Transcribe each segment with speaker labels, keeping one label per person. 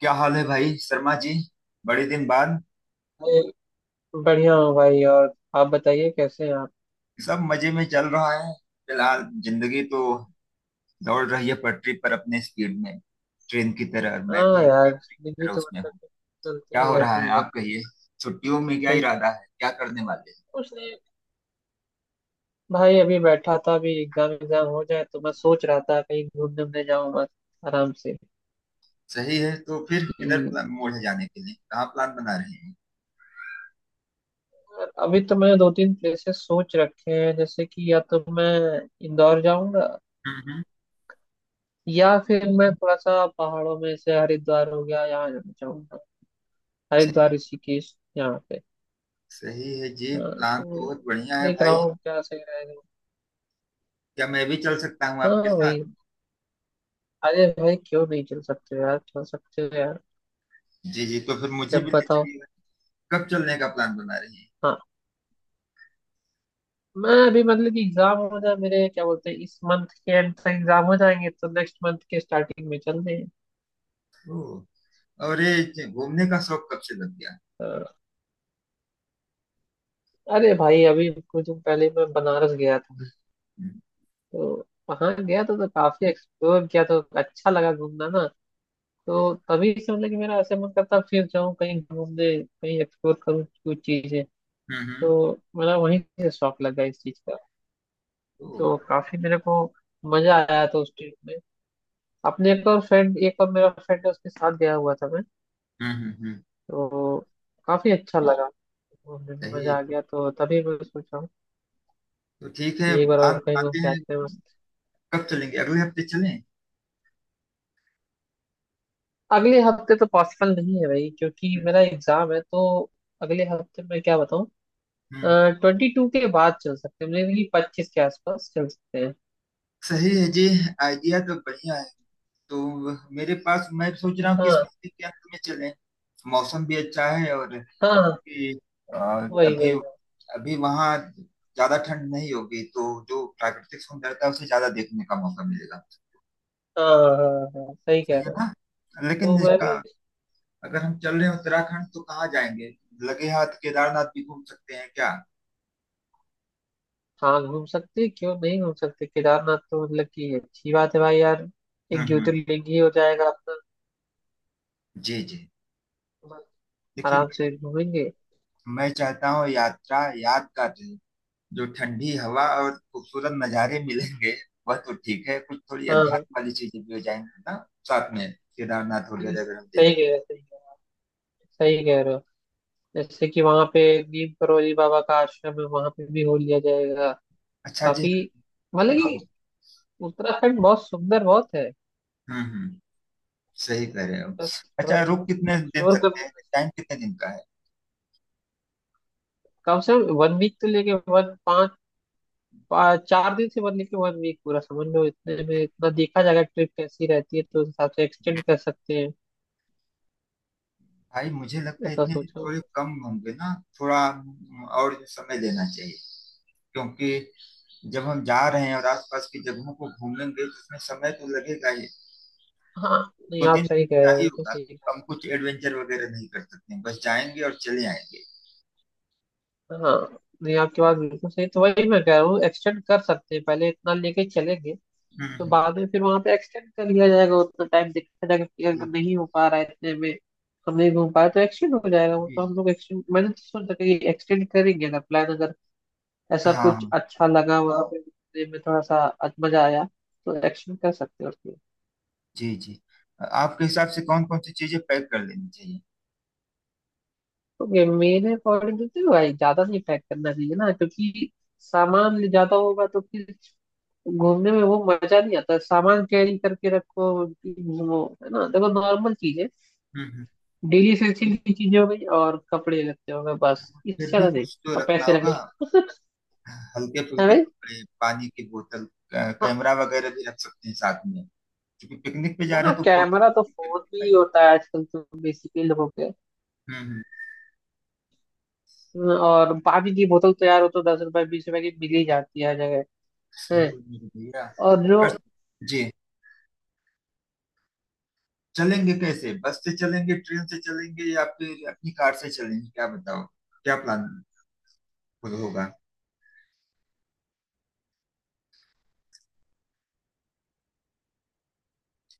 Speaker 1: क्या हाल है भाई शर्मा जी? बड़े दिन बाद।
Speaker 2: अरे, बढ़िया हूँ भाई। और आप बताइए कैसे हैं आप?
Speaker 1: सब मजे में चल रहा है। फिलहाल जिंदगी तो दौड़ रही है पटरी पर अपने स्पीड में, ट्रेन की तरह, और मैं भी
Speaker 2: हाँ
Speaker 1: एक
Speaker 2: यार,
Speaker 1: यात्री की
Speaker 2: जिंदगी
Speaker 1: तरह
Speaker 2: तो
Speaker 1: उसमें
Speaker 2: मतलब
Speaker 1: हूँ।
Speaker 2: कि
Speaker 1: क्या
Speaker 2: चलती ही
Speaker 1: हो रहा है
Speaker 2: रहती है।
Speaker 1: आप कहिए। छुट्टियों में क्या
Speaker 2: सही।
Speaker 1: इरादा है, क्या करने वाले हैं?
Speaker 2: कुछ नहीं भाई, अभी बैठा था। अभी एग्जाम एग्जाम हो जाए तो मैं सोच रहा था कहीं घूमने उमने जाऊँ बस, आराम से।
Speaker 1: सही है। तो फिर किधर
Speaker 2: हम्म,
Speaker 1: प्लान मोड़ है जाने के लिए, कहाँ प्लान बना रहे हैं?
Speaker 2: और अभी तो मैंने दो तीन प्लेसेस सोच रखे हैं। जैसे कि या तो मैं इंदौर जाऊंगा,
Speaker 1: हम्म हम्म।
Speaker 2: या फिर मैं थोड़ा सा पहाड़ों में से हरिद्वार हो गया यहाँ जाना चाहूंगा। हरिद्वार
Speaker 1: सही,
Speaker 2: ऋषिकेश यहाँ पे।
Speaker 1: सही है जी।
Speaker 2: हाँ
Speaker 1: प्लान तो
Speaker 2: तो
Speaker 1: बहुत बढ़िया है
Speaker 2: देख रहा
Speaker 1: भाई।
Speaker 2: हूँ क्या सही रहेगा।
Speaker 1: क्या मैं भी चल सकता हूँ आपके
Speaker 2: हाँ
Speaker 1: साथ?
Speaker 2: वही। अरे भाई, क्यों नहीं चल सकते यार, चल सकते हो यार।
Speaker 1: जी जी, तो फिर मुझे
Speaker 2: जब
Speaker 1: भी ले
Speaker 2: बताओ।
Speaker 1: चलिएगा। कब चलने का प्लान बना रही है?
Speaker 2: हाँ, मैं अभी मतलब कि एग्जाम हो जाए मेरे, क्या बोलते हैं, इस मंथ के एंड तक एग्जाम हो जाएंगे तो नेक्स्ट मंथ के स्टार्टिंग में चल दें।
Speaker 1: ओ। और ये घूमने का शौक कब से लग गया?
Speaker 2: तो- अरे भाई, अभी कुछ दिन पहले मैं बनारस गया था।
Speaker 1: हम्म,
Speaker 2: तो वहाँ गया था तो काफी एक्सप्लोर किया तो अच्छा लगा घूमना ना। तो तभी से मतलब कि मेरा ऐसे मन करता फिर जाऊँ कहीं घूमने, कहीं एक्सप्लोर करूँ कुछ चीजें।
Speaker 1: हम्म।
Speaker 2: तो मेरा वहीं से शौक लगा इस चीज का।
Speaker 1: तो
Speaker 2: तो काफी मेरे को मजा आया था उस ट्रिप में। अपने एक और फ्रेंड, एक और मेरा फ्रेंड है, उसके साथ गया हुआ था मैं।
Speaker 1: हम्म हम्म, हम्म।
Speaker 2: तो काफी अच्छा लगा, घूमने में
Speaker 1: सही है
Speaker 2: मजा आ
Speaker 1: जी।
Speaker 2: गया। तो तभी मैं सोच रहा हूँ
Speaker 1: तो ठीक
Speaker 2: कि
Speaker 1: है,
Speaker 2: एक बार
Speaker 1: प्लान
Speaker 2: और कहीं घूम
Speaker 1: बनाते
Speaker 2: के
Speaker 1: हैं।
Speaker 2: आते हैं बस।
Speaker 1: कब चलेंगे? अगले हफ्ते चलें?
Speaker 2: अगले हफ्ते तो पॉसिबल नहीं है भाई, क्योंकि
Speaker 1: हम्म,
Speaker 2: मेरा एग्जाम है। तो अगले हफ्ते मैं क्या बताऊँ।
Speaker 1: हम्म।
Speaker 2: 22 के बाद चल सकते हैं मेरे, 25 के आसपास चल सकते हैं।
Speaker 1: सही है जी। आइडिया तो बढ़िया है। तो मेरे पास मैं सोच रहा हूँ कि इस
Speaker 2: हाँ
Speaker 1: महीने के अंत में चलें। मौसम भी अच्छा है, और
Speaker 2: हाँ हाँ,
Speaker 1: क्योंकि अ,
Speaker 2: वही
Speaker 1: अभी
Speaker 2: वही।
Speaker 1: अभी वहाँ ज्यादा ठंड नहीं होगी तो जो प्राकृतिक सुंदरता है, उसे ज्यादा देखने का मौका मिलेगा।
Speaker 2: हाँ हाँ हाँ, सही कह
Speaker 1: सही है
Speaker 2: रहे
Speaker 1: ना?
Speaker 2: हो।
Speaker 1: लेकिन
Speaker 2: तो मैं
Speaker 1: इसका
Speaker 2: भी।
Speaker 1: अगर हम चल रहे हैं उत्तराखंड तो कहाँ जाएंगे? लगे हाथ केदारनाथ भी घूम सकते हैं क्या?
Speaker 2: हाँ घूम सकते हैं, क्यों नहीं घूम सकते। केदारनाथ तो मतलब कि अच्छी बात है भाई यार। एक
Speaker 1: हम्म।
Speaker 2: ज्योतिर्लिंग ही हो जाएगा अपना।
Speaker 1: जी जी।
Speaker 2: बस
Speaker 1: देखिए, मैं,
Speaker 2: आराम से घूमेंगे।
Speaker 1: मैं चाहता हूँ यात्रा यादगार रहे। जो ठंडी हवा और खूबसूरत नज़ारे मिलेंगे वह तो ठीक है, कुछ थोड़ी
Speaker 2: हाँ हाँ,
Speaker 1: अध्यात्म वाली चीजें भी हो जाएंगी ना, साथ में केदारनाथ
Speaker 2: नहीं,
Speaker 1: वगैरह अगर हम देख
Speaker 2: सही कह
Speaker 1: रहे
Speaker 2: रहे हो, सही कह रहे हो, सही कह रहे हो। जैसे कि वहाँ पे नीम करोली बाबा का आश्रम है, वहाँ पे भी हो लिया जाएगा।
Speaker 1: हैं। अच्छा जी।
Speaker 2: काफी मतलब
Speaker 1: हाँ
Speaker 2: कि
Speaker 1: हाँ।
Speaker 2: उत्तराखंड बहुत सुंदर बहुत है।
Speaker 1: हम्म। सही कह रहे हो।
Speaker 2: बस थोड़ा
Speaker 1: अच्छा,
Speaker 2: सा
Speaker 1: रुक कितने दिन
Speaker 2: एक्सप्लोर
Speaker 1: सकते
Speaker 2: करने
Speaker 1: हैं?
Speaker 2: में
Speaker 1: टाइम कितने दिन का है?
Speaker 2: कम से कम 1 वीक तो लेके, 4 दिन से बनने के 1 वीक पूरा समझ लो। इतने में इतना देखा जाएगा, ट्रिप कैसी रहती है तो उस हिसाब से एक्सटेंड कर सकते हैं।
Speaker 1: भाई मुझे लगता है
Speaker 2: ऐसा
Speaker 1: इतने दिन
Speaker 2: सोचा।
Speaker 1: थोड़े कम होंगे ना। थोड़ा और समय लेना चाहिए, क्योंकि जब हम जा रहे हैं और आसपास की जगहों को घूमेंगे तो उसमें समय तो लगेगा ही।
Speaker 2: हाँ, नहीं
Speaker 1: दो
Speaker 2: आप
Speaker 1: तीन दिन
Speaker 2: सही कह
Speaker 1: क्या
Speaker 2: रहे हो,
Speaker 1: ही
Speaker 2: बिल्कुल
Speaker 1: होगा।
Speaker 2: सही
Speaker 1: हम
Speaker 2: कह
Speaker 1: कुछ एडवेंचर वगैरह नहीं कर सकते हैं, बस जाएंगे और चले आएंगे।
Speaker 2: रहे हो। हाँ, नहीं आपकी बात बिल्कुल सही। तो वही मैं कह रहा हूँ एक्सटेंड कर सकते हैं, पहले इतना लेके चलेंगे। तो
Speaker 1: हम्म
Speaker 2: बाद में फिर वहां पे एक्सटेंड कर लिया जाएगा। उतना टाइम देखा जाएगा कि अगर
Speaker 1: हम्म।
Speaker 2: नहीं हो पा रहा है इतने में, हम नहीं घूम पाए तो एक्सटेंड हो जाएगा। वो
Speaker 1: जी
Speaker 2: तो
Speaker 1: जी
Speaker 2: हम
Speaker 1: जी।
Speaker 2: लोग एक्सटेंड, मैंने तो सोचा कि एक्सटेंड करेंगे अगर प्लान, अगर ऐसा
Speaker 1: हाँ
Speaker 2: कुछ
Speaker 1: हाँ।
Speaker 2: अच्छा लगा वहाँ पे देखने में, थोड़ा सा मजा आया तो एक्शन कर सकते हो उसमें।
Speaker 1: जी जी। आपके हिसाब से कौन कौन सी चीजें पैक कर लेनी चाहिए?
Speaker 2: तो मेरे अकॉर्डिंग तो भाई ज्यादा नहीं पैक करना चाहिए ना, क्योंकि सामान ले ज्यादा होगा तो फिर घूमने में वो मजा नहीं आता। सामान कैरी करके रखो कि घूमो, है ना। देखो नॉर्मल चीजें,
Speaker 1: हम्म हम्म।
Speaker 2: डेली एसेंशियल की चीजें हो गई और कपड़े लगते हो गए, बस इससे
Speaker 1: फिर भी
Speaker 2: ज्यादा नहीं।
Speaker 1: कुछ तो
Speaker 2: और
Speaker 1: रखना
Speaker 2: पैसे लगे
Speaker 1: होगा, हल्के
Speaker 2: हैं
Speaker 1: फुल्के
Speaker 2: भाई।
Speaker 1: कपड़े, पानी की बोतल,
Speaker 2: हाँ
Speaker 1: कैमरा वगैरह भी रख सकते हैं साथ में, क्योंकि पिकनिक पे जा रहे
Speaker 2: हाँ,
Speaker 1: हैं तो फोटो।
Speaker 2: कैमरा तो फोन में ही होता है आजकल तो बेसिकली लोगों के।
Speaker 1: हम्म।
Speaker 2: और पानी की बोतल तो यार, वो तो 10 रुपए 20 रुपए की मिल ही जाती है हर जगह।
Speaker 1: सही
Speaker 2: है।
Speaker 1: है मेरे भैया।
Speaker 2: और जो
Speaker 1: और- जी, चलेंगे कैसे? बस से चलेंगे, ट्रेन से चलेंगे, या फिर अपनी कार से चलेंगे, क्या बताओ? क्या प्लान होगा?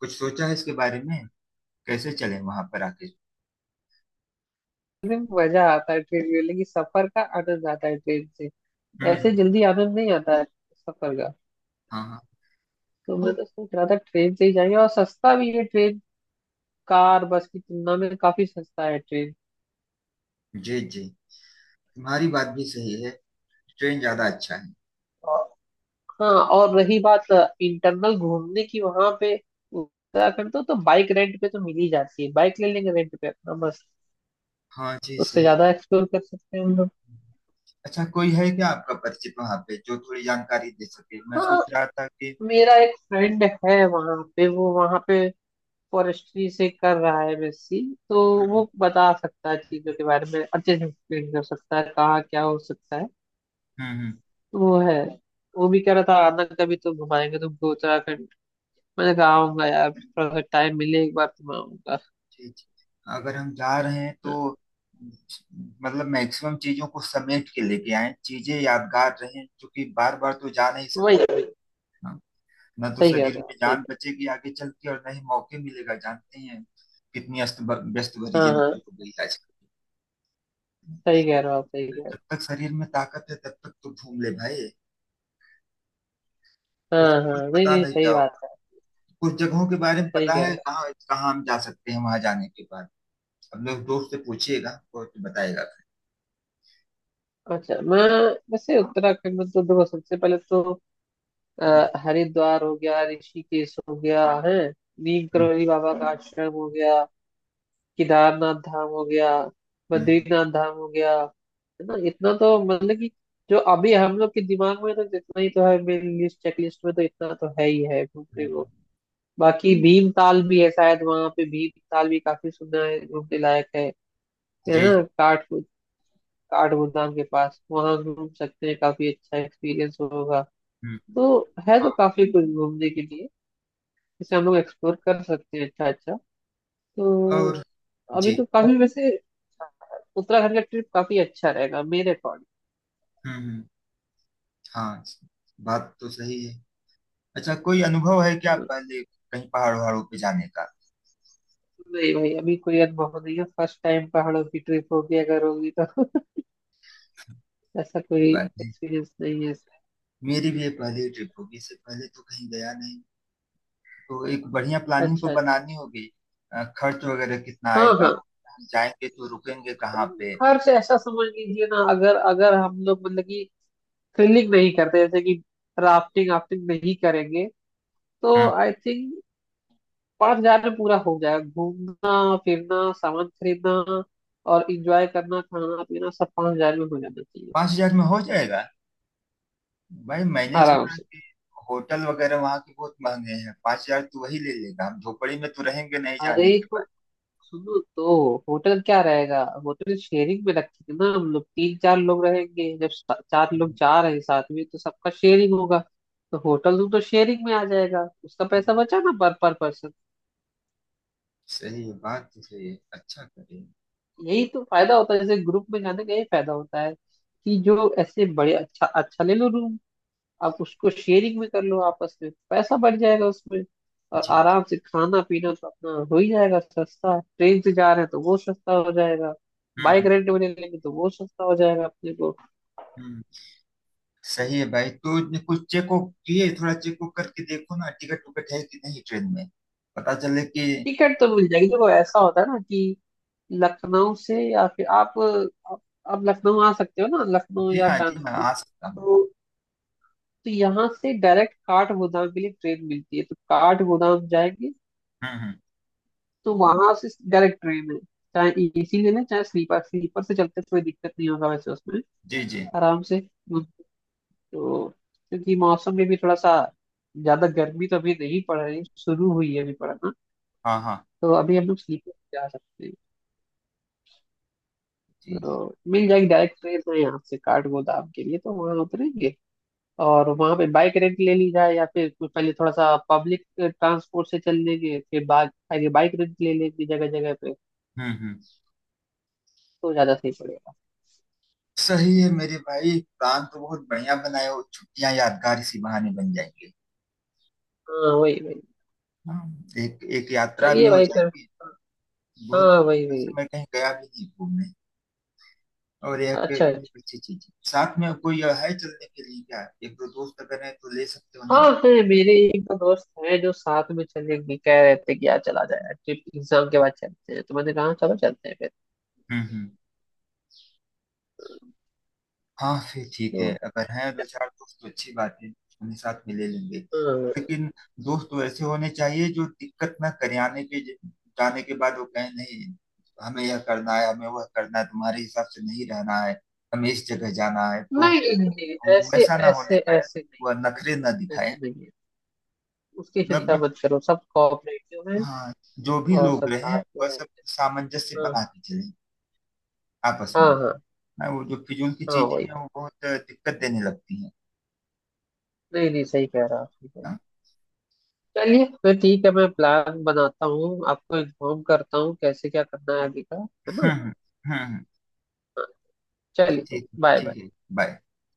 Speaker 1: कुछ सोचा है इसके बारे में, कैसे चलें वहां पर आके?
Speaker 2: एकदम मजा आता है ट्रेन में, लेकिन सफर का आनंद आता है ट्रेन से। ऐसे
Speaker 1: हम्म।
Speaker 2: जल्दी आनंद नहीं आता है सफर का।
Speaker 1: हाँ हाँ।
Speaker 2: तो मैं तो सोच रहा था ट्रेन से ही जाएंगे, और सस्ता भी है ट्रेन। कार बस की तुलना में काफी सस्ता है ट्रेन।
Speaker 1: जी जी। तुम्हारी बात भी सही है, ट्रेन ज्यादा अच्छा है।
Speaker 2: और हाँ, और रही बात इंटरनल घूमने की वहां पे उत्तराखंड तो बाइक रेंट पे तो मिल ही जाती है, बाइक ले लेंगे रेंट पे अपना बस।
Speaker 1: हाँ जी,
Speaker 2: उससे
Speaker 1: सही।
Speaker 2: ज्यादा एक्सप्लोर कर सकते हैं हम लोग।
Speaker 1: अच्छा, कोई है क्या आपका परिचित वहां पे जो थोड़ी जानकारी दे सके? मैं सोच
Speaker 2: हाँ,
Speaker 1: रहा था कि।
Speaker 2: मेरा एक फ्रेंड है वहां पे, वो वहां पे फॉरेस्ट्री से कर रहा है एमएससी। तो
Speaker 1: हम्म
Speaker 2: वो बता सकता है चीजों के बारे में, अच्छे से एक्सप्लेन कर सकता है कहाँ क्या हो सकता है।
Speaker 1: हम्म हम्म।
Speaker 2: तो वो है। वो भी कह रहा था आना कभी, तो घुमाएंगे तुमको उत्तराखंड। मैंने कहा आऊंगा यार, थोड़ा सा टाइम मिले एक बार तो मैं आऊंगा।
Speaker 1: जी, जी। अगर हम जा रहे हैं तो
Speaker 2: हाँ,
Speaker 1: मतलब मैक्सिमम चीजों को समेट के लेके आए, चीजें यादगार रहें, क्योंकि बार बार तो जा नहीं
Speaker 2: वही
Speaker 1: सकते।
Speaker 2: वही।
Speaker 1: हाँ। ना तो
Speaker 2: सही कह
Speaker 1: शरीर
Speaker 2: रहे
Speaker 1: नहीं
Speaker 2: हो आप,
Speaker 1: में
Speaker 2: सही
Speaker 1: जान
Speaker 2: कह।
Speaker 1: बचेगी आगे चल के, और ना ही मौके मिलेगा, जानते ही हैं। कितनी अस्त व्यस्त भरी
Speaker 2: हाँ
Speaker 1: जिंदगी
Speaker 2: हाँ,
Speaker 1: हो गई आजकल।
Speaker 2: सही कह रहे हो आप, सही
Speaker 1: तो
Speaker 2: कह रहे
Speaker 1: जब तक शरीर में ताकत है तब तक तो घूम ले भाई।
Speaker 2: हो।
Speaker 1: कुछ
Speaker 2: हाँ
Speaker 1: कुछ
Speaker 2: हाँ, नहीं
Speaker 1: पता
Speaker 2: नहीं,
Speaker 1: नहीं नहीं क्या
Speaker 2: सही
Speaker 1: हो।
Speaker 2: बात है।
Speaker 1: कुछ जगहों के बारे में
Speaker 2: सही
Speaker 1: पता
Speaker 2: कह
Speaker 1: है
Speaker 2: रहे
Speaker 1: कहाँ कहाँ हम जा सकते हैं वहां जाने के बाद? अब लोग दोस्त से पूछिएगा और तो बताएगा।
Speaker 2: हो। अच्छा मैं, वैसे उत्तराखंड में तो देखो सबसे पहले तो
Speaker 1: हम्म,
Speaker 2: हरिद्वार हो गया, ऋषिकेश हो गया है, नीम
Speaker 1: हम्म,
Speaker 2: करोली बाबा का आश्रम हो गया, केदारनाथ धाम हो गया,
Speaker 1: हम्म।
Speaker 2: बद्रीनाथ धाम हो गया, है ना। इतना तो मतलब कि जो अभी हम लोग के दिमाग में, तो जितना ही तो है मेरी लिस्ट, चेकलिस्ट में तो इतना तो है ही है
Speaker 1: हुँ,
Speaker 2: घूमने को। बाकी भीमताल भी है शायद वहां पे, भीमताल भी काफी सुना है घूमने लायक है। है
Speaker 1: जी,
Speaker 2: ना,
Speaker 1: जी।
Speaker 2: काठ काठ गोदाम के पास वहां घूम सकते हैं, काफी अच्छा एक्सपीरियंस होगा।
Speaker 1: हुँ, हुँ।
Speaker 2: तो है तो
Speaker 1: हाँ,
Speaker 2: काफी कुछ घूमने के लिए जिसे हम लोग एक्सप्लोर कर सकते हैं। अच्छा अच्छा। तो
Speaker 1: और
Speaker 2: अभी
Speaker 1: जी।
Speaker 2: तो काफी वैसे उत्तराखंड का ट्रिप काफी अच्छा रहेगा मेरे अकॉर्डिंग।
Speaker 1: हुँ, हुँ। हाँ, बात तो सही है। अच्छा, कोई अनुभव है क्या पहले कहीं पहाड़-वहाड़ों पे जाने का?
Speaker 2: नहीं भाई, अभी कोई अनुभव नहीं है, फर्स्ट टाइम पहाड़ों की ट्रिप होगी अगर होगी तो ऐसा
Speaker 1: कोई
Speaker 2: कोई
Speaker 1: बात नहीं।
Speaker 2: एक्सपीरियंस नहीं है इसका।
Speaker 1: मेरी भी ये पहली ट्रिप होगी, इससे पहले तो कहीं गया नहीं। तो एक बढ़िया प्लानिंग तो
Speaker 2: अच्छा अच्छा।
Speaker 1: बनानी होगी। खर्च वगैरह कितना
Speaker 2: हाँ
Speaker 1: आएगा?
Speaker 2: हाँ
Speaker 1: जाएँगे तो रुकेंगे कहाँ
Speaker 2: हाँ,
Speaker 1: पे?
Speaker 2: खर्च ऐसा समझ लीजिए ना, अगर अगर हम लोग मतलब कि थ्रिलिंग नहीं करते, जैसे कि राफ्टिंग, राफ्टिंग नहीं करेंगे तो
Speaker 1: हुँ,
Speaker 2: आई थिंक 5,000 में पूरा हो जाएगा, घूमना फिरना सामान खरीदना और इंजॉय करना, खाना पीना सब 5,000 में हो जाना चाहिए
Speaker 1: 5000 में हो जाएगा? भाई मैंने
Speaker 2: आराम
Speaker 1: सुना है
Speaker 2: से।
Speaker 1: कि होटल वगैरह वहाँ के बहुत महँगे हैं। 5000 तो वही ले लेगा, हम झोपड़ी में तो रहेंगे नहीं
Speaker 2: अरे
Speaker 1: जाने के
Speaker 2: तो सुनो, तो होटल क्या रहेगा, होटल शेयरिंग में रखेंगे ना। हम लोग तीन चार लोग रहेंगे, जब चार लोग
Speaker 1: बाद।
Speaker 2: जा रहे हैं साथ में तो सबका शेयरिंग होगा। तो होटल रूम तो शेयरिंग में आ जाएगा, उसका पैसा बचा ना पर पर्सन।
Speaker 1: सही है, बात तो सही है। अच्छा करे।
Speaker 2: यही तो फायदा होता है, जैसे ग्रुप में जाने का यही फायदा होता है कि जो ऐसे बड़े अच्छा अच्छा ले लो रूम, आप उसको शेयरिंग भी कर लो आपस में, पैसा बढ़ जाएगा उसमें। और
Speaker 1: जी जी।
Speaker 2: आराम से खाना पीना तो अपना हो ही जाएगा सस्ता है। ट्रेन से जा रहे हैं तो वो सस्ता हो जाएगा।
Speaker 1: हम्म
Speaker 2: बाइक
Speaker 1: हम्म
Speaker 2: रेंट में ले लेंगे तो वो सस्ता हो जाएगा अपने को।
Speaker 1: हम्म। सही है भाई, तो ये कुछ चेक वुक किए? थोड़ा चेक वुक करके देखो ना, टिकट टुकट है कि नहीं ट्रेन में, पता चले कि।
Speaker 2: टिकट तो मिल जाएगी। देखो ऐसा होता है ना कि लखनऊ से, या फिर आप लखनऊ आ सकते हो ना, लखनऊ
Speaker 1: जी
Speaker 2: या
Speaker 1: हाँ, जी हाँ,
Speaker 2: कानपुर
Speaker 1: आ सकता हूँ।
Speaker 2: तो। तो यहाँ से डायरेक्ट काठगोदाम के लिए ट्रेन मिलती है, तो काठगोदाम जाएंगे।
Speaker 1: हम्म।
Speaker 2: तो वहां से डायरेक्ट ट्रेन है, चाहे एसी लेना चाहे स्लीपर, स्लीपर से चलते कोई दिक्कत नहीं होगा वैसे उसमें,
Speaker 1: जी जी।
Speaker 2: आराम से। तो क्योंकि मौसम में भी थोड़ा सा, ज्यादा गर्मी तो अभी नहीं पड़ रही, शुरू हुई है अभी पड़ना।
Speaker 1: हाँ हाँ।
Speaker 2: तो अभी हम लोग स्लीपर से जा सकते हैं।
Speaker 1: जी जी।
Speaker 2: तो मिल जाएगी, डायरेक्ट ट्रेन है यहाँ से काठगोदाम के लिए, तो वहां उतरेंगे। और वहां पे बाइक रेंट ले ली जाए, या फिर कोई पहले थोड़ा सा पब्लिक ट्रांसपोर्ट से चल लेंगे, फिर बाद आगे बाइक रेंट ले लेंगे जगह जगह पे,
Speaker 1: हम्म हम्म।
Speaker 2: तो ज्यादा सही पड़ेगा।
Speaker 1: सही है मेरे भाई, प्लान तो बहुत बढ़िया बनाए हो, छुट्टियां यादगार इसी बहाने बन जाएंगे।
Speaker 2: हाँ वही वही।
Speaker 1: हाँ, एक एक यात्रा भी
Speaker 2: चलिए
Speaker 1: हो
Speaker 2: भाई फिर।
Speaker 1: जाएगी। बहुत
Speaker 2: हाँ वही
Speaker 1: दिनों से
Speaker 2: वही।
Speaker 1: मैं कहीं गया भी नहीं घूमने। और एक
Speaker 2: अच्छा अच्छा।
Speaker 1: एक अच्छी चीज है। साथ में कोई है चलने के लिए क्या? एक दो दोस्त अगर है तो ले सकते हो उन्हें।
Speaker 2: हाँ है मेरे एक दो दोस्त हैं जो साथ में चलेंगे, कह रहे थे कि यार चला जाए ट्रिप, एग्जाम के बाद चलते हैं, तो मैंने कहा चलो चलते हैं फिर।
Speaker 1: हम्म। हाँ, फिर ठीक है,
Speaker 2: तो,
Speaker 1: अगर हैं दो चार दोस्त तो अच्छी बात है। उन्हें साथ में ले लेंगे।
Speaker 2: हाँ,
Speaker 1: लेकिन दोस्त वैसे होने चाहिए जो दिक्कत ना करे आने के जाने के बाद, वो कहें नहीं, हमें यह करना है, हमें वह करना है, तुम्हारे हिसाब से नहीं रहना है, हमें इस जगह जाना है तो।
Speaker 2: नहीं नहीं नहीं,
Speaker 1: वो
Speaker 2: ऐसे
Speaker 1: वैसा ना होने
Speaker 2: ऐसे
Speaker 1: पाए,
Speaker 2: ऐसे नहीं
Speaker 1: वह नखरे ना
Speaker 2: है,
Speaker 1: दिखाए।
Speaker 2: ऐसे नहीं है। उसकी चिंता
Speaker 1: मतलब,
Speaker 2: मत करो, सब कोऑपरेटिव हैं
Speaker 1: हाँ, जो भी
Speaker 2: और
Speaker 1: लोग
Speaker 2: सब
Speaker 1: रहे
Speaker 2: साथ में
Speaker 1: वह
Speaker 2: हैं।
Speaker 1: सब सामंजस्य
Speaker 2: हाँ
Speaker 1: बना के चले आपस में।
Speaker 2: हाँ। हाँ
Speaker 1: ना वो जो फिजूल की
Speaker 2: हाँ
Speaker 1: चीजें
Speaker 2: वही।
Speaker 1: हैं वो बहुत दिक्कत देने लगती हैं
Speaker 2: नहीं नहीं, सही कह रहा आप, ठीक है।
Speaker 1: ना।
Speaker 2: चलिए फिर ठीक है, मैं प्लान बनाता हूँ, आपको इन्फॉर्म करता हूँ कैसे क्या करना है अभी का, है
Speaker 1: हम्म
Speaker 2: ना।
Speaker 1: हम्म।
Speaker 2: चलिए।
Speaker 1: ठीक,
Speaker 2: बाय
Speaker 1: ठीक है।
Speaker 2: बाय।
Speaker 1: बाय।